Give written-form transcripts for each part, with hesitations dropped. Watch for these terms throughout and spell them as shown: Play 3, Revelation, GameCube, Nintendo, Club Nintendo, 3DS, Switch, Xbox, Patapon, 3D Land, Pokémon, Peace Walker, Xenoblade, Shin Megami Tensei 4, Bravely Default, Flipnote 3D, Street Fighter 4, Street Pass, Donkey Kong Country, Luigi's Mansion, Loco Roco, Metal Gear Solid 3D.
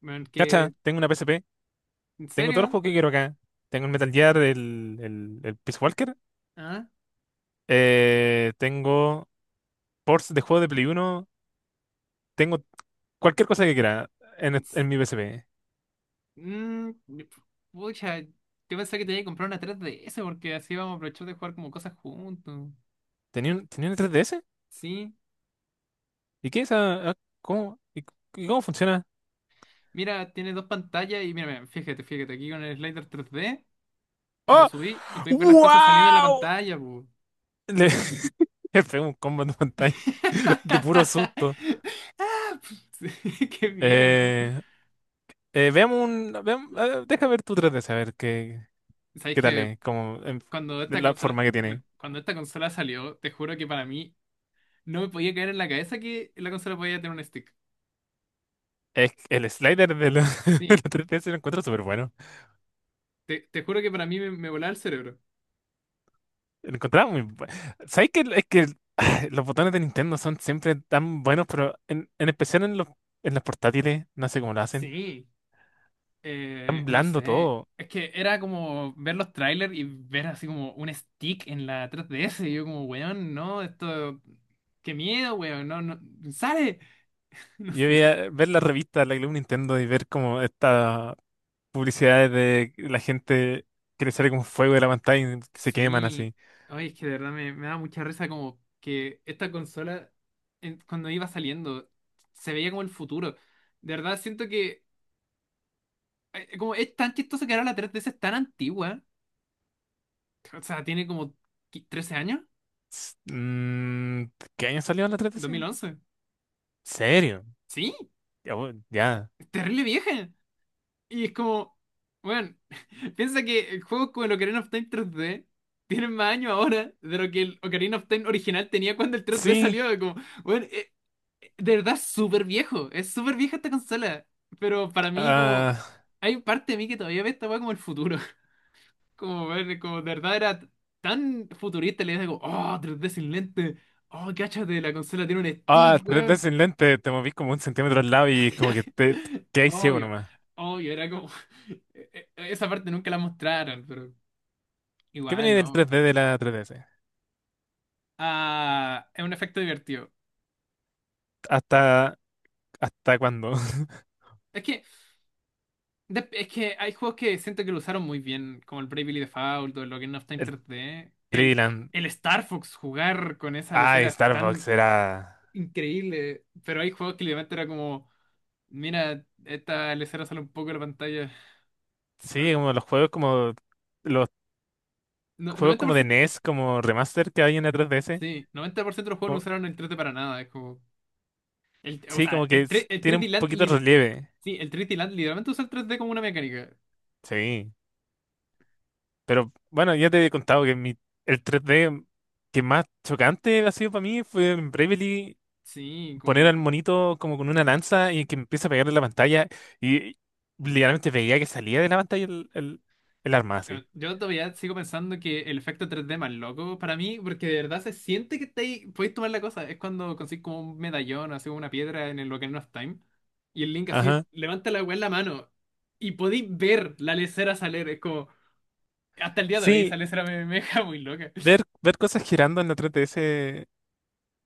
Bueno, Cacha, que, tengo una PSP, ¿en tengo todos los serio? juegos que quiero acá. Tengo el Metal Gear, el Peace Walker, ¿Ah? Tengo ports de juegos de Play Uno, tengo cualquier cosa que quiera En s- en mi PSP. Mm, pucha, yo pensé que te iba comprar una 3DS porque así vamos a aprovechar de jugar como cosas juntos. ¿Tenía un 3DS? Sí, ¿Y qué es esa? Ah, ¿cómo? ¿Y cómo funciona? mira, tiene dos pantallas y mira, fíjate, aquí con el slider 3D lo ¡Oh! subí y podéis ver las cosas saliendo de la ¡Wow! pantalla, pu. Le, le pego un combo en pantalla de puro susto. Sí, qué miedo, ¿no? Eh, veamos, deja ver tu 3DS, a ver qué, Sabéis qué tal que es, como, cuando esta la consola, forma que tiene. cuando esta consola salió, te juro que para mí no me podía caer en la cabeza que la consola podía tener un stick. Es que el slider de la, de la Sí, 3DS lo encuentro súper bueno. te juro que para mí me volaba el cerebro. Lo encontraba muy bueno. ¿Sabes que es que los botones de Nintendo son siempre tan buenos, pero en especial en las portátiles, no sé cómo lo hacen. Sí, Tan no blando sé. todo. Es que era como ver los trailers y ver así como un stick en la 3DS. Y yo como, weón, no, esto. Qué miedo, weón, no, no, sale. No Yo sé. veía ver la revista, la Club Nintendo y ver como estas publicidades de la gente que le sale como fuego de la pantalla y se queman Sí. así. Oye, es que de verdad me da mucha risa como que esta consola, cuando iba saliendo, se veía como el futuro. De verdad siento que, como es tan chistoso que ahora la 3DS es tan antigua. O sea, tiene como 13 años. S- mm, ¿Qué año salió la dos 3DS? mil ¿En once serio? Sí, Ya. Ya. es terrible vieja. Y es como, bueno, piensa que juegos como el Ocarina of Time 3D tienen más años ahora de lo que el Ocarina of Time original tenía cuando el 3D Sí. salió. Como, bueno, de verdad es súper viejo, es súper vieja esta consola. Pero para mí, como, Ah. hay parte de mí que todavía ve esta weá como el futuro. Como, bueno, como de verdad era tan futurista, le digo, oh, 3D sin lente. Oh, cáchate, la consola tiene un Ah, stick, tres d weón. sin lente, te moví como un centímetro al lado y como que te, hay ciego Obvio, nomás. obvio, era como. Esa parte nunca la mostraron, pero ¿Qué igual, viene del ¿no? tres d de la tres D S? Ah, es un efecto divertido. ¿Hasta, hasta cuándo? Es que, es que hay juegos que siento que lo usaron muy bien, como el Bravely Default o el Ocarina of Time El 3D. El, Triland. el Star Fox jugar con esa lesera Ay, es Starbucks tan era. increíble, pero hay juegos que literalmente era como: mira, esta lesera sale un poco de la pantalla. Sí, LOL. como los juegos como. Los juegos Noventa por como de ciento, NES, como remaster que hay en la 3DS. sí, 90% de los juegos no Como- usaron el 3D para nada, es como. El, o sí, sea, como que el, tre- el tiene un 3D Land, poquito de relieve. sí, el 3D Land literalmente usa el 3D como una mecánica. Sí. Pero bueno, ya te he contado que el tres d que más chocante ha sido para mí fue en Bravely Sí, poner al monito como con una lanza y que empieza a pegarle en la pantalla y literalmente veía que salía de la pantalla el arma así. yo todavía sigo pensando que el efecto 3D más loco para mí, porque de verdad se siente que estáis, podéis tomar la cosa. Es cuando consigues como un medallón o así, una piedra en el Ocarina of Time y el Link así Ajá. levanta la weá en la mano y podéis ver la lesera salir. Es como, hasta el día de hoy Sí, esa lesera me deja muy loca. ver, ver cosas girando en la 3DS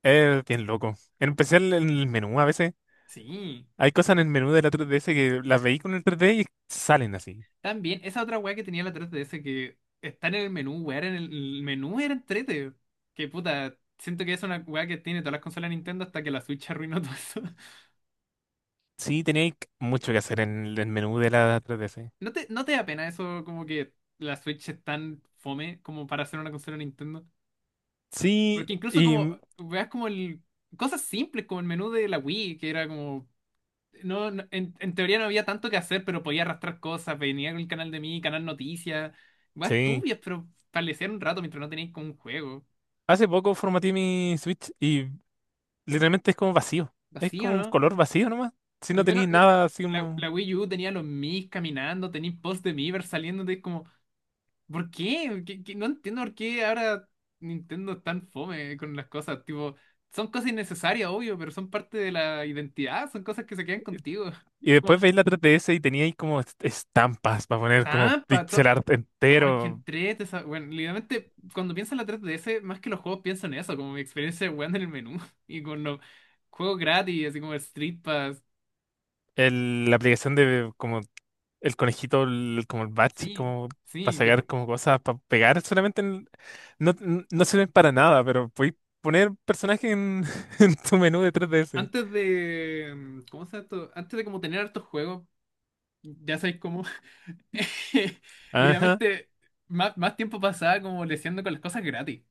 es bien loco. En especial en el menú a veces. Sí. Hay cosas en el menú de la 3DS que las veí con el 3D y salen así. También, esa otra weá que tenía la 3DS que está en el menú, weá, era en el menú era entrete. Que puta, siento que es una weá que tiene todas las consolas de Nintendo hasta que la Switch arruinó todo eso. Sí, tenía mucho que hacer en el menú de la 3DS. ¿No te da pena eso como que la Switch es tan fome como para hacer una consola de Nintendo? Sí, Porque incluso y como, weas como el, cosas simples como el menú de la Wii, que era como, en teoría no había tanto que hacer, pero podía arrastrar cosas, venía con el canal de mí, canal noticias, weas sí. turbias, pero establecer un rato mientras no tenías como un juego. Hace poco formateé mi Switch y literalmente es como vacío. Es Vacío, como un ¿no? color vacío nomás. Si Al no menos tenéis nada así la, como... la Wii U tenía los Miis caminando, tenía posts de Miiverse saliendo de como, ¿por qué? ¿Qué? No entiendo por qué ahora Nintendo es tan fome con las cosas. Tipo, son cosas innecesarias, obvio, pero son parte de la identidad, son cosas que se quedan contigo. Y Como, después veis la 3DS y teníais como estampas para poner como tampa, to- pixel art ay, que entero. entrete esa. Bueno, literalmente, cuando pienso en la 3DS, más que los juegos pienso en eso, como mi experiencia jugando en el menú y con los juegos gratis, así como el Street Pass. La aplicación de como el conejito, como el batch, Sí, como para sí, te sacar juro. como cosas, para pegar solamente no, no sirven para nada, pero podéis poner personajes en, en tu menú de 3DS. ¿Cómo se llama esto? Antes de como tener hartos juegos, ya sabéis cómo. Ajá, Literalmente, más tiempo pasaba como leseando con las cosas gratis.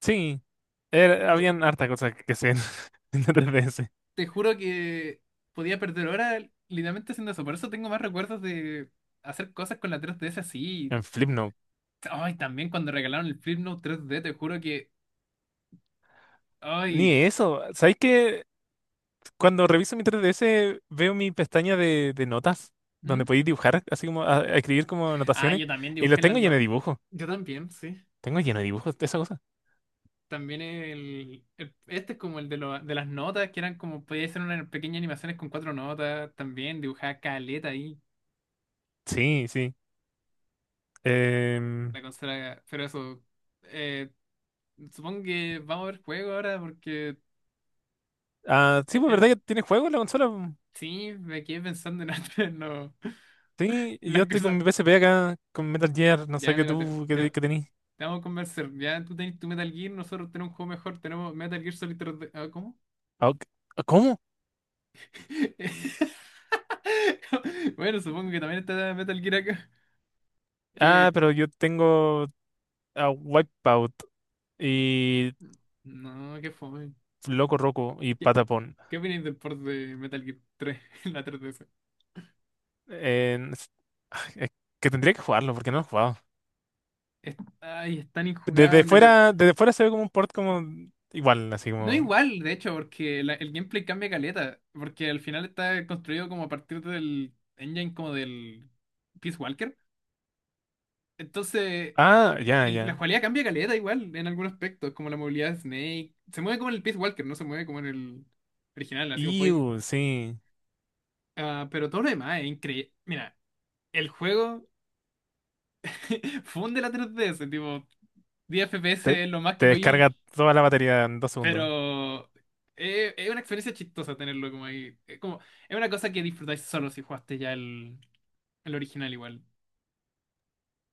sí. Tipo, Habían harta cosas que se ven en la 3DS. te juro que podía perder horas literalmente haciendo eso. Por eso tengo más recuerdos de hacer cosas con la 3DS así. En Flipnote. Ay, también cuando regalaron el Flipnote 3D te juro que. Ni Ay. eso. ¿Sabéis que cuando reviso mi 3DS veo mi pestaña de notas donde ¿Mm? podéis dibujar, así como a escribir como Ah, anotaciones? yo también Y dibujé los en la tengo lleno no. de dibujos. Yo también, sí. Tengo lleno de dibujos de esa cosa. También este es como el de, de las notas, que eran como, podía ser unas pequeñas animaciones con cuatro notas, también dibujaba caleta ahí, Sí, sí. Em, la consola, pero eso, eh, supongo que vamos a ver juego ahora porque, ah, sí, eh, pues eh, verdad que tiene juegos la consola, po? sí, me quedé pensando en otras, no, Sí, yo las estoy con cosas, mi PSP acá, con Metal Gear, no sé ya qué mira, tú, qué tenís. te vamos a convencer, ya tú tenés tu Metal Gear, nosotros tenemos un juego mejor, tenemos Metal Gear Solid 3D, ah, ¿cómo? Ah, ok. Ah, ¿cómo? Bueno, supongo que también está Metal Gear acá, Ah, que, pero yo tengo a Wipeout y no, qué fome. Loco Roco y ¿Qué, Patapon. qué opináis del port de Metal Gear 3 en la 3DS? Eh, es- es que tendría que jugarlo porque no lo he jugado. Ay, es tan injugable, pero. Desde fuera se ve como un port como igual, así No como. igual, de hecho, porque el gameplay cambia caleta, porque al final está construido como a partir del engine como del Peace Walker. Entonces, Ah, ya, la ya. cualidad cambia caleta igual en algunos aspectos, como la movilidad de Snake. Se mueve como en el Peace Walker, no se mueve como en el original, así como podéis. Iu, sí. Ah, pero todo lo demás es increíble. Mira, el juego funde la 3DS, tipo. 10 Te, FPS es lo más te que podéis. descarga toda la batería en 2 segundos. Pero es una experiencia chistosa tenerlo como ahí. Es, como, es una cosa que disfrutáis solo si jugaste ya el original igual.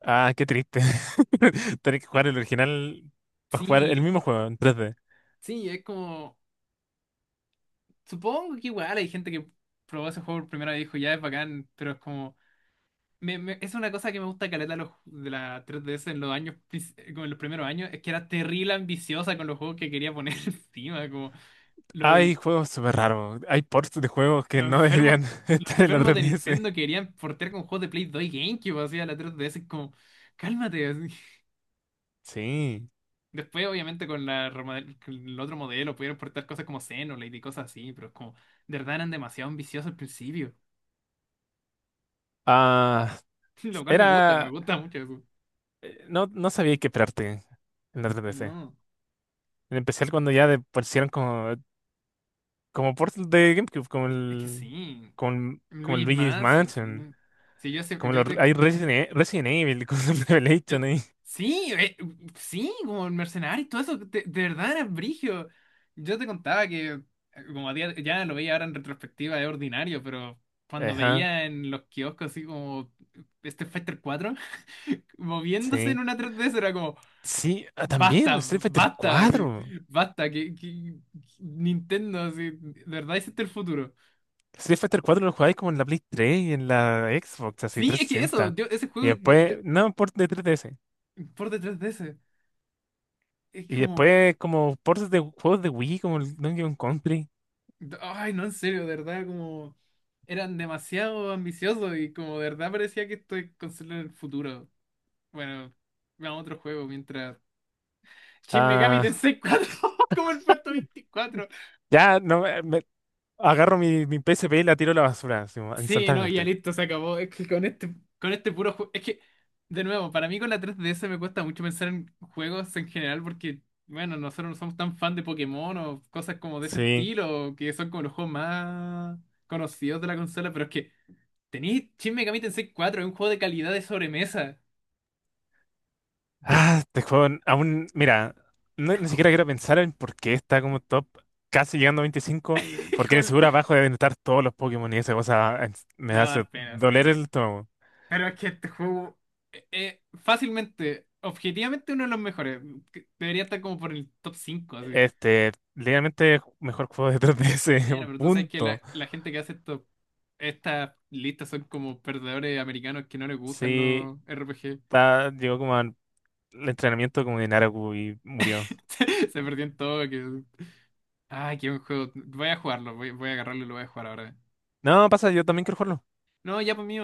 Ah, qué triste. Tener que jugar el original para jugar el Sí, mismo juego en 3D. sí, es como. Supongo que igual hay gente que probó ese juego por primera vez y dijo, ya es bacán, pero es como. Es una cosa que me gusta caleta de los, de la 3DS en los años, como en los primeros años, es que era terrible ambiciosa con los juegos que quería poner encima, como. Hay juegos súper raros. Hay ports de juegos que Los no enfermos, deberían los estar en la enfermos de 3DS. Nintendo querían portear con juegos de Play 2 y GameCube, así a la 3DS, es como, cálmate. Así. Sí. Después, obviamente, con con el otro modelo pudieron portar cosas como Xenoblade y cosas así, pero es como, de verdad eran demasiado ambiciosos al principio. Ah, Lo cual me era. gusta mucho eso. No, no sabía qué esperarte en la 3DS. No, En especial cuando ya pusieron como Portal de GameCube, como es que el, sí. como, como el Luigi's Luigi's más, sí. Mansion, Sí, yo, como yo los, te, hay Resident, Resident Evil, como el Yo- Revelation ahí. sí, sí, como el mercenario y todo eso, de verdad era brigio. Yo te contaba que, como a día, ya lo veía ahora en retrospectiva, es ordinario, pero cuando Ajá, veía en los kioscos así como este Fighter 4 moviéndose sí. en una 3DS era como, Sí, ah, también basta, Street Fighter basta, así, 4. basta, Nintendo, así, de verdad hiciste el futuro. Street Fighter 4 lo jugáis como en la Play 3 y en la Xbox, así Sí, trescientos es que eso, sesenta yo, ese Y juego, después, no, port de tres D S. por de 3DS, es Y como. después como ports de juegos de Wii, como el Donkey Kong Country. Ay, no, en serio, de verdad, como eran demasiado ambiciosos y como de verdad parecía que estoy es consola en el futuro. Bueno, vamos a otro juego mientras. Shin Megami Ah, Tensei 4 como el puesto 24. ya, no, agarro mi PSP y la tiro a la basura, así, Sí, no, ya instantáneamente. listo, se acabó. Es que con este puro juego. Es que, de nuevo, para mí con la 3DS me cuesta mucho pensar en juegos en general porque, bueno, nosotros no somos tan fan de Pokémon o cosas como de ese Sí. estilo, que son como los juegos más conocidos de la consola, pero es que. Tenéis Shin Megami Tensei 4, es un juego de calidad de sobremesa. Ah, este juego aún, mira, ni siquiera quiero pensar en por qué está como top, casi llegando a 25 porque de Híjole. seguro abajo deben estar todos los Pokémon y esa cosa me Me va a hace dar pena, sí, doler pero. el estómago. Pero es que este juego es fácilmente, objetivamente uno de los mejores. Que debería estar como por el top 5 así. Este, ligeramente mejor juego de 3DS, Bueno, pero tú sabes que punto. la gente que hace esto, estas listas son como perdedores americanos que no les gustan Sí, los RPG. Llegó como al entrenamiento como de Naraku y murió. Se perdió todo. Que. Ay, qué buen juego. Voy a jugarlo, voy a agarrarlo y lo voy a jugar ahora. No, pasa, yo también quiero jugarlo. No, ya por mí,